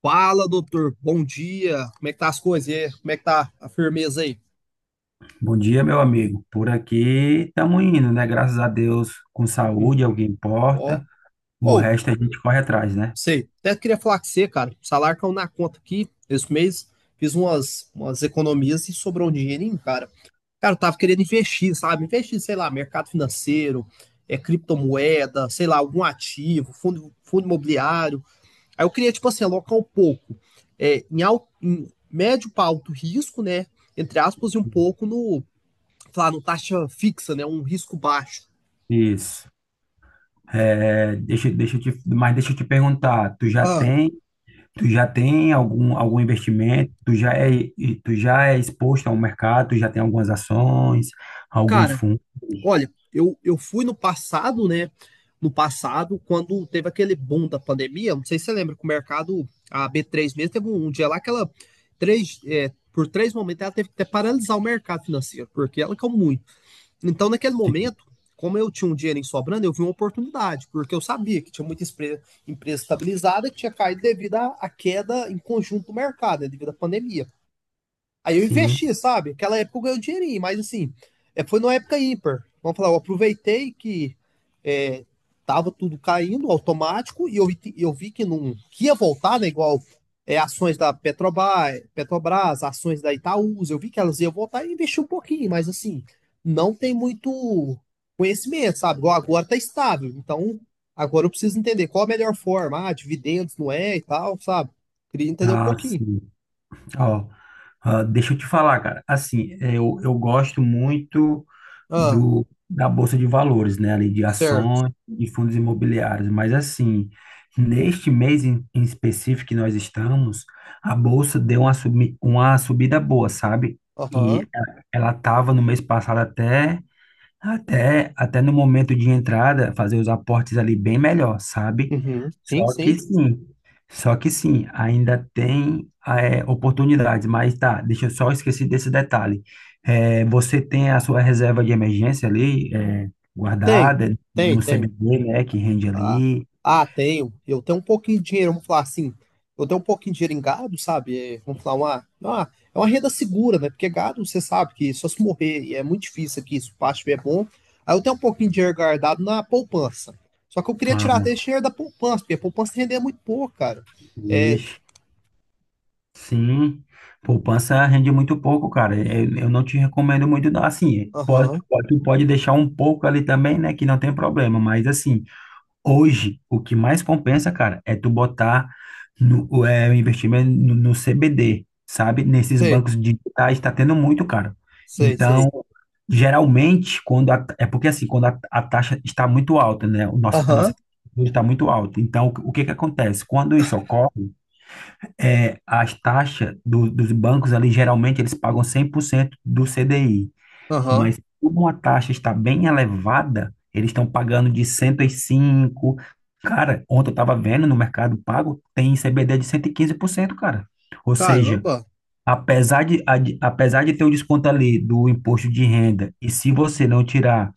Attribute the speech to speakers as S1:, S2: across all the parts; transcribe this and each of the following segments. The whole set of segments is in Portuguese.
S1: Fala, doutor. Bom dia. Como é que tá as coisas? E aí, como é que tá a firmeza aí?
S2: Bom dia, meu amigo. Por aqui estamos indo, né? Graças a Deus, com
S1: Uhum.
S2: saúde, é o que
S1: Ó.
S2: importa. O
S1: Ou
S2: resto a gente corre atrás, né?
S1: sei. Até queria falar com você, cara. O salário caiu na conta aqui esse mês. Fiz umas economias e sobrou um dinheirinho, cara. Cara, eu tava querendo investir, sabe? Investir, sei lá, mercado financeiro, criptomoeda, sei lá, algum ativo, fundo imobiliário. Aí eu queria, tipo assim, alocar um pouco em, alto, em médio para alto risco, né? Entre aspas, e um pouco no lá no taxa fixa, né? Um risco baixo.
S2: Isso. É, deixa mas deixa eu te perguntar, tu já
S1: Ah,
S2: tem, tu já tem algum investimento? E tu já é exposto ao mercado? Tu já tem algumas ações, alguns
S1: cara,
S2: fundos?
S1: olha, eu fui no passado, né? No passado, quando teve aquele boom da pandemia, não sei se você lembra que o mercado, a B3 mesmo, teve um dia lá que ela, três, por três momentos, ela teve que até paralisar o mercado financeiro, porque ela caiu muito. Então, naquele
S2: Sim.
S1: momento, como eu tinha um dinheiro sobrando, eu vi uma oportunidade, porque eu sabia que tinha muita empresa estabilizada que tinha caído devido à queda em conjunto do mercado, né, devido à pandemia. Aí eu
S2: Sim.
S1: investi, sabe? Aquela época eu ganhei um dinheirinho, mas assim, foi numa época ímpar. Vamos falar, eu aproveitei que é, tava tudo caindo automático e eu vi, eu vi que não que ia voltar, né? Igual ações da Petrobras, Petrobras, ações da Itaúsa, eu vi que elas iam voltar e investi um pouquinho, mas assim, não tem muito conhecimento, sabe? Igual agora tá estável, então agora eu preciso entender qual a melhor forma, ah, dividendos não é e tal, sabe? Queria entender um
S2: Ah,
S1: pouquinho.
S2: sim. Ó, ah, deixa eu te falar, cara. Assim, eu gosto muito
S1: Ah,
S2: do da Bolsa de Valores, né? Ali de
S1: certo.
S2: ações e fundos imobiliários. Mas assim, neste mês em específico que nós estamos, a Bolsa deu uma subida boa, sabe? E
S1: Aham.
S2: ela estava no mês passado até. Até no momento de entrada, fazer os aportes ali bem melhor, sabe?
S1: Uhum. Sim,
S2: Só que
S1: sim.
S2: sim, só que sim, ainda tem oportunidades, mas tá, deixa eu só esquecer desse detalhe. É, você tem a sua reserva de emergência ali,
S1: Tenho,
S2: guardada
S1: tenho,
S2: no
S1: tenho.
S2: CBB, né, que rende
S1: Ah,
S2: ali.
S1: ah, tenho. Eu tenho um pouquinho de dinheiro, vamos falar assim. Eu tenho um pouquinho de dinheiro em gado, sabe? É, vamos falar é uma renda segura, né? Porque gado, você sabe que só se morrer, e é muito difícil aqui, se o pasto estiver bom. Aí eu tenho um pouquinho de dinheiro guardado na poupança. Só que eu queria tirar até
S2: Ah,
S1: esse dinheiro da poupança, porque a poupança rende muito pouco, cara. É,
S2: vixe, sim, poupança rende muito pouco, cara. Eu não te recomendo muito, não. Assim,
S1: aham,
S2: tu pode deixar um pouco ali também, né, que não tem problema, mas assim. Hoje, o que mais compensa, cara, é tu botar no, o, é, o investimento no CBD, sabe? Nesses
S1: sei,
S2: bancos digitais está tendo muito, cara.
S1: sei,
S2: Então,
S1: sei.
S2: geralmente, quando a, é porque assim, quando a taxa está muito alta, né? A nossa
S1: Aham,
S2: taxa está muito alta. Então, que acontece? Quando isso ocorre, as taxas dos bancos ali, geralmente, eles pagam 100% do CDI.
S1: aham.
S2: Mas como a taxa está bem elevada, eles estão pagando de 105. Cara, ontem eu estava vendo no Mercado Pago, tem CBD de 115%, cara. Ou seja,
S1: Caramba,
S2: apesar de ter o desconto ali do imposto de renda, e se você não tirar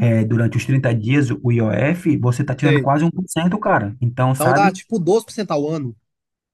S2: durante os 30 dias o IOF, você está tirando
S1: sei.
S2: quase 1%, cara. Então,
S1: Então dá
S2: sabe?
S1: tipo 12% ao ano.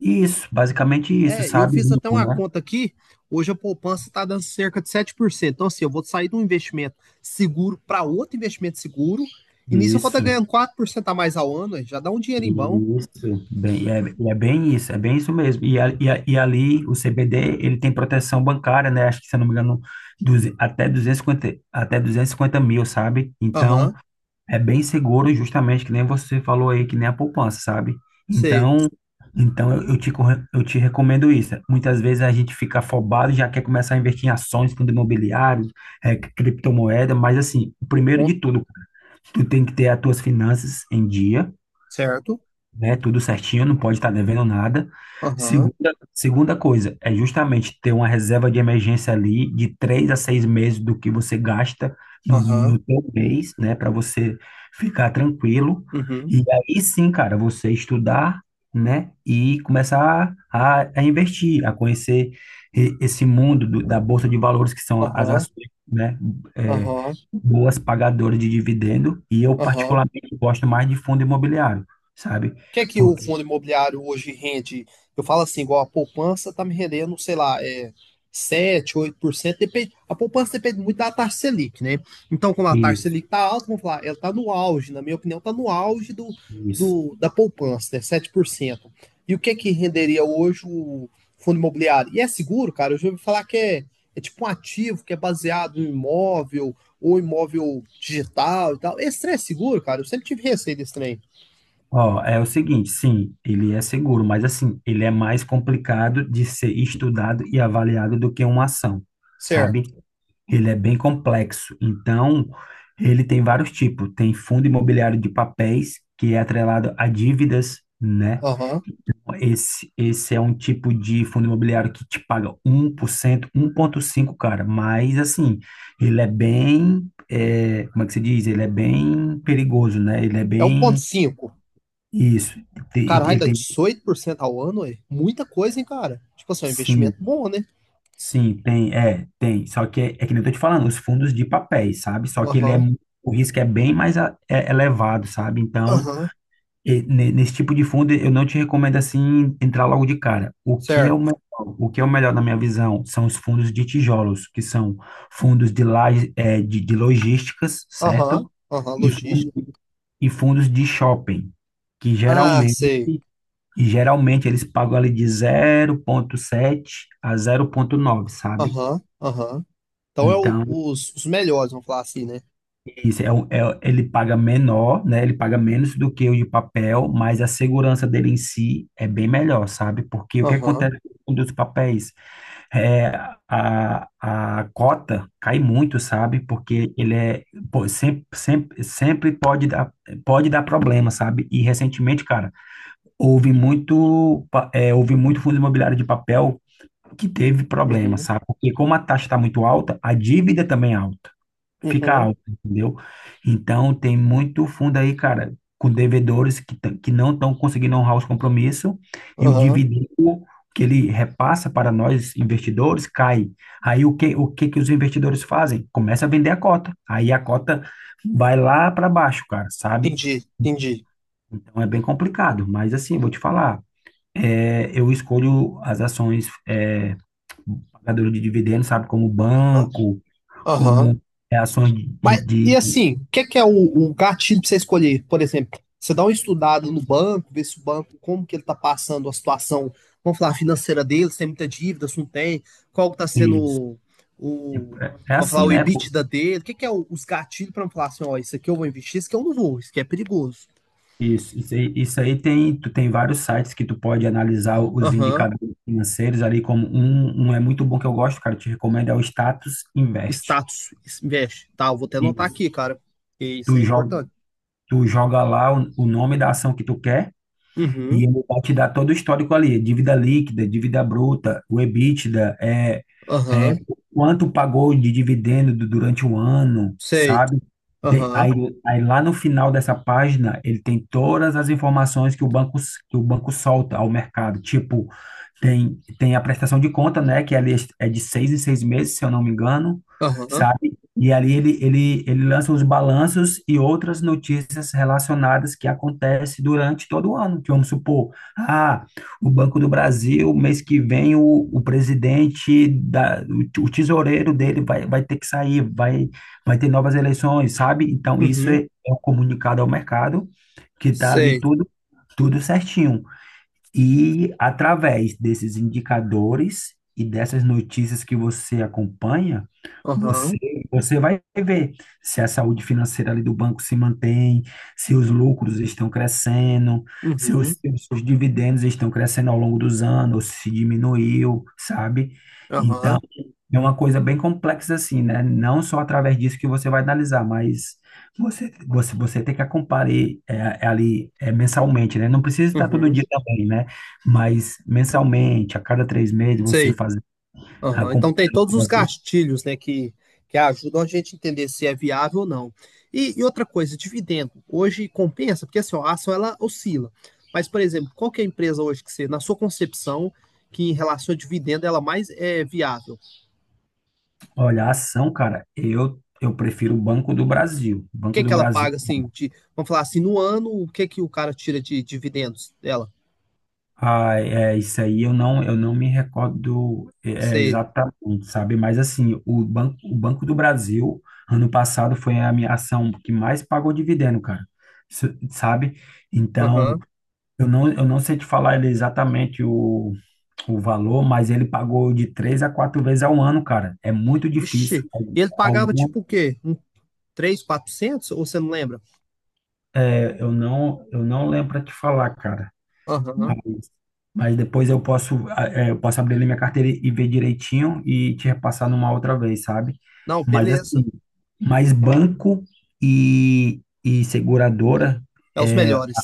S2: Isso, basicamente isso,
S1: É, eu
S2: sabe?
S1: fiz até
S2: Limpo,
S1: uma
S2: né?
S1: conta aqui. Hoje a poupança está dando cerca de 7%. Então, assim, eu vou sair de um investimento seguro para outro investimento seguro. E nisso eu vou estar
S2: Isso.
S1: ganhando 4% a mais ao ano. Aí já dá um dinheirinho bom.
S2: Isso, bem, é bem isso, é bem isso mesmo. E, ali o CBD, ele tem proteção bancária, né? Acho que, se eu não me engano, até 250, até 250 mil, sabe? Então,
S1: Aham,
S2: é bem seguro, justamente, que nem você falou aí, que nem a poupança, sabe?
S1: sei.
S2: Então, então, eu te recomendo isso. Muitas vezes a gente fica afobado, já quer começar a investir em ações, fundo imobiliário, criptomoeda, mas assim, o primeiro de
S1: Bom,
S2: tudo, tu tem que ter as tuas finanças em dia,
S1: certo.
S2: né? Tudo certinho, não pode estar devendo nada.
S1: Aham,
S2: Segunda, segunda coisa, é justamente ter uma reserva de emergência ali de 3 a 6 meses do que você gasta no,
S1: aham,
S2: no teu mês, né? Para você ficar tranquilo.
S1: uhum,
S2: E aí sim, cara, você estudar, né? E começar a investir, a conhecer esse mundo da Bolsa de Valores, que são as
S1: aham,
S2: ações, né? é,
S1: aham,
S2: Boas pagadoras de dividendo. E eu,
S1: aham.
S2: particularmente, gosto mais de fundo imobiliário, sabe?
S1: Que é que o
S2: Ok,
S1: fundo imobiliário hoje rende? Eu falo assim, igual a poupança tá me rendendo, sei lá, é 7, 8%. Depende, a poupança depende muito da taxa Selic, né? Então, como a taxa
S2: isso,
S1: Selic tá alta, vamos falar, ela tá no auge, na minha opinião, tá no auge do,
S2: isso.
S1: do da poupança, né? 7%. E o que é que renderia hoje o fundo imobiliário? E é seguro, cara? Eu já ouvi falar que é, é tipo um ativo que é baseado em imóvel ou imóvel digital e tal. Esse trem é seguro, cara? Eu sempre tive receio desse trem.
S2: Ó, é o seguinte, sim, ele é seguro, mas assim, ele é mais complicado de ser estudado e avaliado do que uma ação, sabe?
S1: Certo.
S2: Ele é bem complexo. Então, ele tem vários tipos. Tem fundo imobiliário de papéis, que é atrelado a dívidas, né?
S1: Aham.
S2: Esse é um tipo de fundo imobiliário que te paga um 1%, cinco cara, mas assim, ele é bem, como é que se diz? Ele é bem perigoso, né? Ele é
S1: É um ponto
S2: bem,
S1: cinco,
S2: isso, ele,
S1: Caralho,
S2: ele
S1: dá
S2: tem,
S1: 18% ao ano, é muita coisa, hein, cara? Tipo assim, é um investimento
S2: sim,
S1: bom, né?
S2: sim, tem, tem, só que é que nem eu tô te falando, os fundos de papéis, sabe? Só que ele é,
S1: Aham,
S2: o risco é bem mais é elevado, sabe? Então,
S1: aham,
S2: e nesse tipo de fundo, eu não te recomendo assim entrar logo de cara. O que é
S1: certo.
S2: o melhor, o que é o melhor na minha visão são os fundos de tijolos, que são fundos de, laje- eh, de logísticas,
S1: Aham,
S2: certo?
S1: aham,
S2: E,
S1: logística.
S2: e fundos de shopping, que
S1: Ah,
S2: geralmente,
S1: sei.
S2: e geralmente eles pagam ali de 0,7 a 0,9, sabe?
S1: Aham, aham. Então é
S2: Então,
S1: os melhores, vamos falar assim, né?
S2: isso, ele paga menor, né? Ele paga menos do que o de papel, mas a segurança dele em si é bem melhor, sabe? Porque o que
S1: Aham,
S2: acontece com os papéis? É, a cota cai muito, sabe? Porque ele é, pô, sempre, sempre, sempre pode dar, problema, sabe? E recentemente, cara, houve muito fundo imobiliário de papel que teve problema,
S1: uhum,
S2: sabe? Porque como a taxa está muito alta, a dívida também é alta fica
S1: uhum,
S2: alto, entendeu? Então tem muito fundo aí, cara, com devedores que não estão conseguindo honrar os compromissos e o
S1: aham.
S2: dividendo que ele repassa para nós investidores cai. Aí o que que os investidores fazem? Começa a vender a cota. Aí a cota vai lá para baixo, cara, sabe?
S1: Entendi, entendi.
S2: Então é bem complicado, mas assim, vou te falar, eu escolho as ações, pagadoras de dividendos, sabe, como banco,
S1: Aham,
S2: como ações
S1: mas, e assim, o que é o gatilho pra você escolher? Por exemplo, você dá uma estudada no banco, vê se o banco, como que ele tá passando a situação, vamos falar, financeira dele, se tem muita dívida, se não tem, qual que tá sendo
S2: de- É
S1: o-
S2: é
S1: vamos falar,
S2: assim,
S1: o
S2: né? Pô?
S1: EBITDA dele, o que é os gatilhos pra eu falar assim, ó, isso aqui eu vou investir, isso aqui eu não vou, isso aqui é perigoso.
S2: Isso, isso aí tem, tu tem vários sites que tu pode analisar os
S1: Aham,
S2: indicadores financeiros ali, como um é muito bom que eu gosto, cara, eu te recomendo, é o Status Invest.
S1: Status, investe, tá, eu vou até anotar
S2: Isso.
S1: aqui, cara, que isso
S2: Tu
S1: é
S2: joga,
S1: importante.
S2: tu joga lá o nome da ação que tu quer.
S1: Uhum,
S2: E ele vai te dar todo o histórico ali, dívida líquida, dívida bruta, o EBITDA, é,
S1: aham,
S2: quanto pagou de dividendo durante o ano,
S1: sei,
S2: sabe? Tem-
S1: aham,
S2: aí, aí lá no final dessa página, ele tem todas as informações que o banco, que o banco solta ao mercado. Tipo, tem a prestação de conta, né? Que ali é de 6 em 6 meses, se eu não me engano,
S1: aham,
S2: sabe? E ali ele lança os balanços e outras notícias relacionadas que acontecem durante todo o ano. Que vamos supor, ah, o Banco do Brasil, mês que vem, o presidente, o tesoureiro dele vai ter que sair, vai ter novas eleições, sabe? Então, isso
S1: uhum,
S2: é um comunicado ao mercado, que está ali
S1: sei,
S2: tudo certinho. E através desses indicadores e dessas notícias que você acompanha, você,
S1: aham.
S2: você vai ver se a saúde financeira ali do banco se mantém, se os lucros estão crescendo, se os,
S1: Uhum,
S2: se os seus dividendos estão crescendo ao longo dos anos, se diminuiu, sabe?
S1: aham,
S2: Então, é uma coisa bem complexa assim, né? Não só através disso que você vai analisar, mas você tem que acompanhar ali mensalmente, né? Não precisa estar todo
S1: uhum,
S2: dia também, né? Mas mensalmente, a cada 3 meses, você
S1: sei.
S2: fazer
S1: Aham. Então tem todos os
S2: acompanhamento.
S1: gastilhos, né, que ajudam a gente a entender se é viável ou não. E outra coisa, dividendo. Hoje compensa, porque assim, ó, a ação ela oscila. Mas, por exemplo, qual que é a empresa hoje que você, na sua concepção, que em relação a dividendo ela mais é viável? O
S2: Olha, a ação, cara, eu prefiro o Banco do Brasil.
S1: que
S2: Banco
S1: é que
S2: do
S1: ela
S2: Brasil.
S1: paga, assim, de, vamos falar assim, no ano, o que é que o cara tira de dividendos dela?
S2: Ah, isso aí eu não me recordo
S1: Você,
S2: exatamente, sabe? Mas assim, o Banco do Brasil, ano passado, foi a minha ação que mais pagou dividendo, cara. Sabe? Então,
S1: aham,
S2: eu não sei te falar exatamente o valor, mas ele pagou de 3 a 4 vezes ao ano, cara. É muito
S1: vixe,
S2: difícil.
S1: e ele pagava
S2: Algum,
S1: tipo o quê? Um 3, 400? Ou você não lembra?
S2: eu não lembro para te falar, cara.
S1: Aham.
S2: Mas, mas, depois eu posso, eu posso abrir ali minha carteira e ver direitinho e te repassar numa outra vez, sabe?
S1: Não,
S2: Mas assim,
S1: beleza.
S2: mas banco e seguradora
S1: É os
S2: é,
S1: melhores.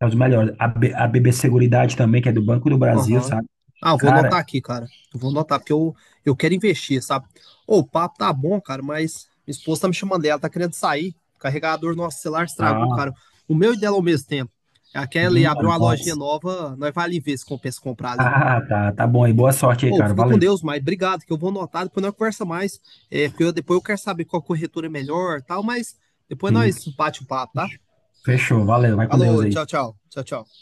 S2: é os melhores. A BB Seguridade também, que é do Banco do Brasil,
S1: Aham.
S2: sabe?
S1: Ah, vou
S2: Cara,
S1: anotar aqui, cara. Eu vou anotar, porque eu quero investir, sabe? Ô, o papo tá bom, cara, mas minha esposa tá me chamando, ela tá querendo sair. O carregador do nosso celular estragou,
S2: ah,
S1: cara. O meu e dela ao mesmo tempo. A Kelly abriu
S2: minha
S1: uma lojinha
S2: nossa.
S1: nova, nós vai ali ver se compensa comprar ali.
S2: Ah, tá, tá bom aí. Boa sorte aí,
S1: Ô,
S2: cara.
S1: fica com
S2: Valeu.
S1: Deus, mas obrigado, que eu vou anotar, depois nós conversa mais. É, porque depois eu quero saber qual corretora é melhor e tal, mas depois
S2: Sim,
S1: nós bate o papo, tá?
S2: fechou. Valeu. Vai com Deus
S1: Alô, tchau,
S2: aí.
S1: tchau. Tchau, tchau.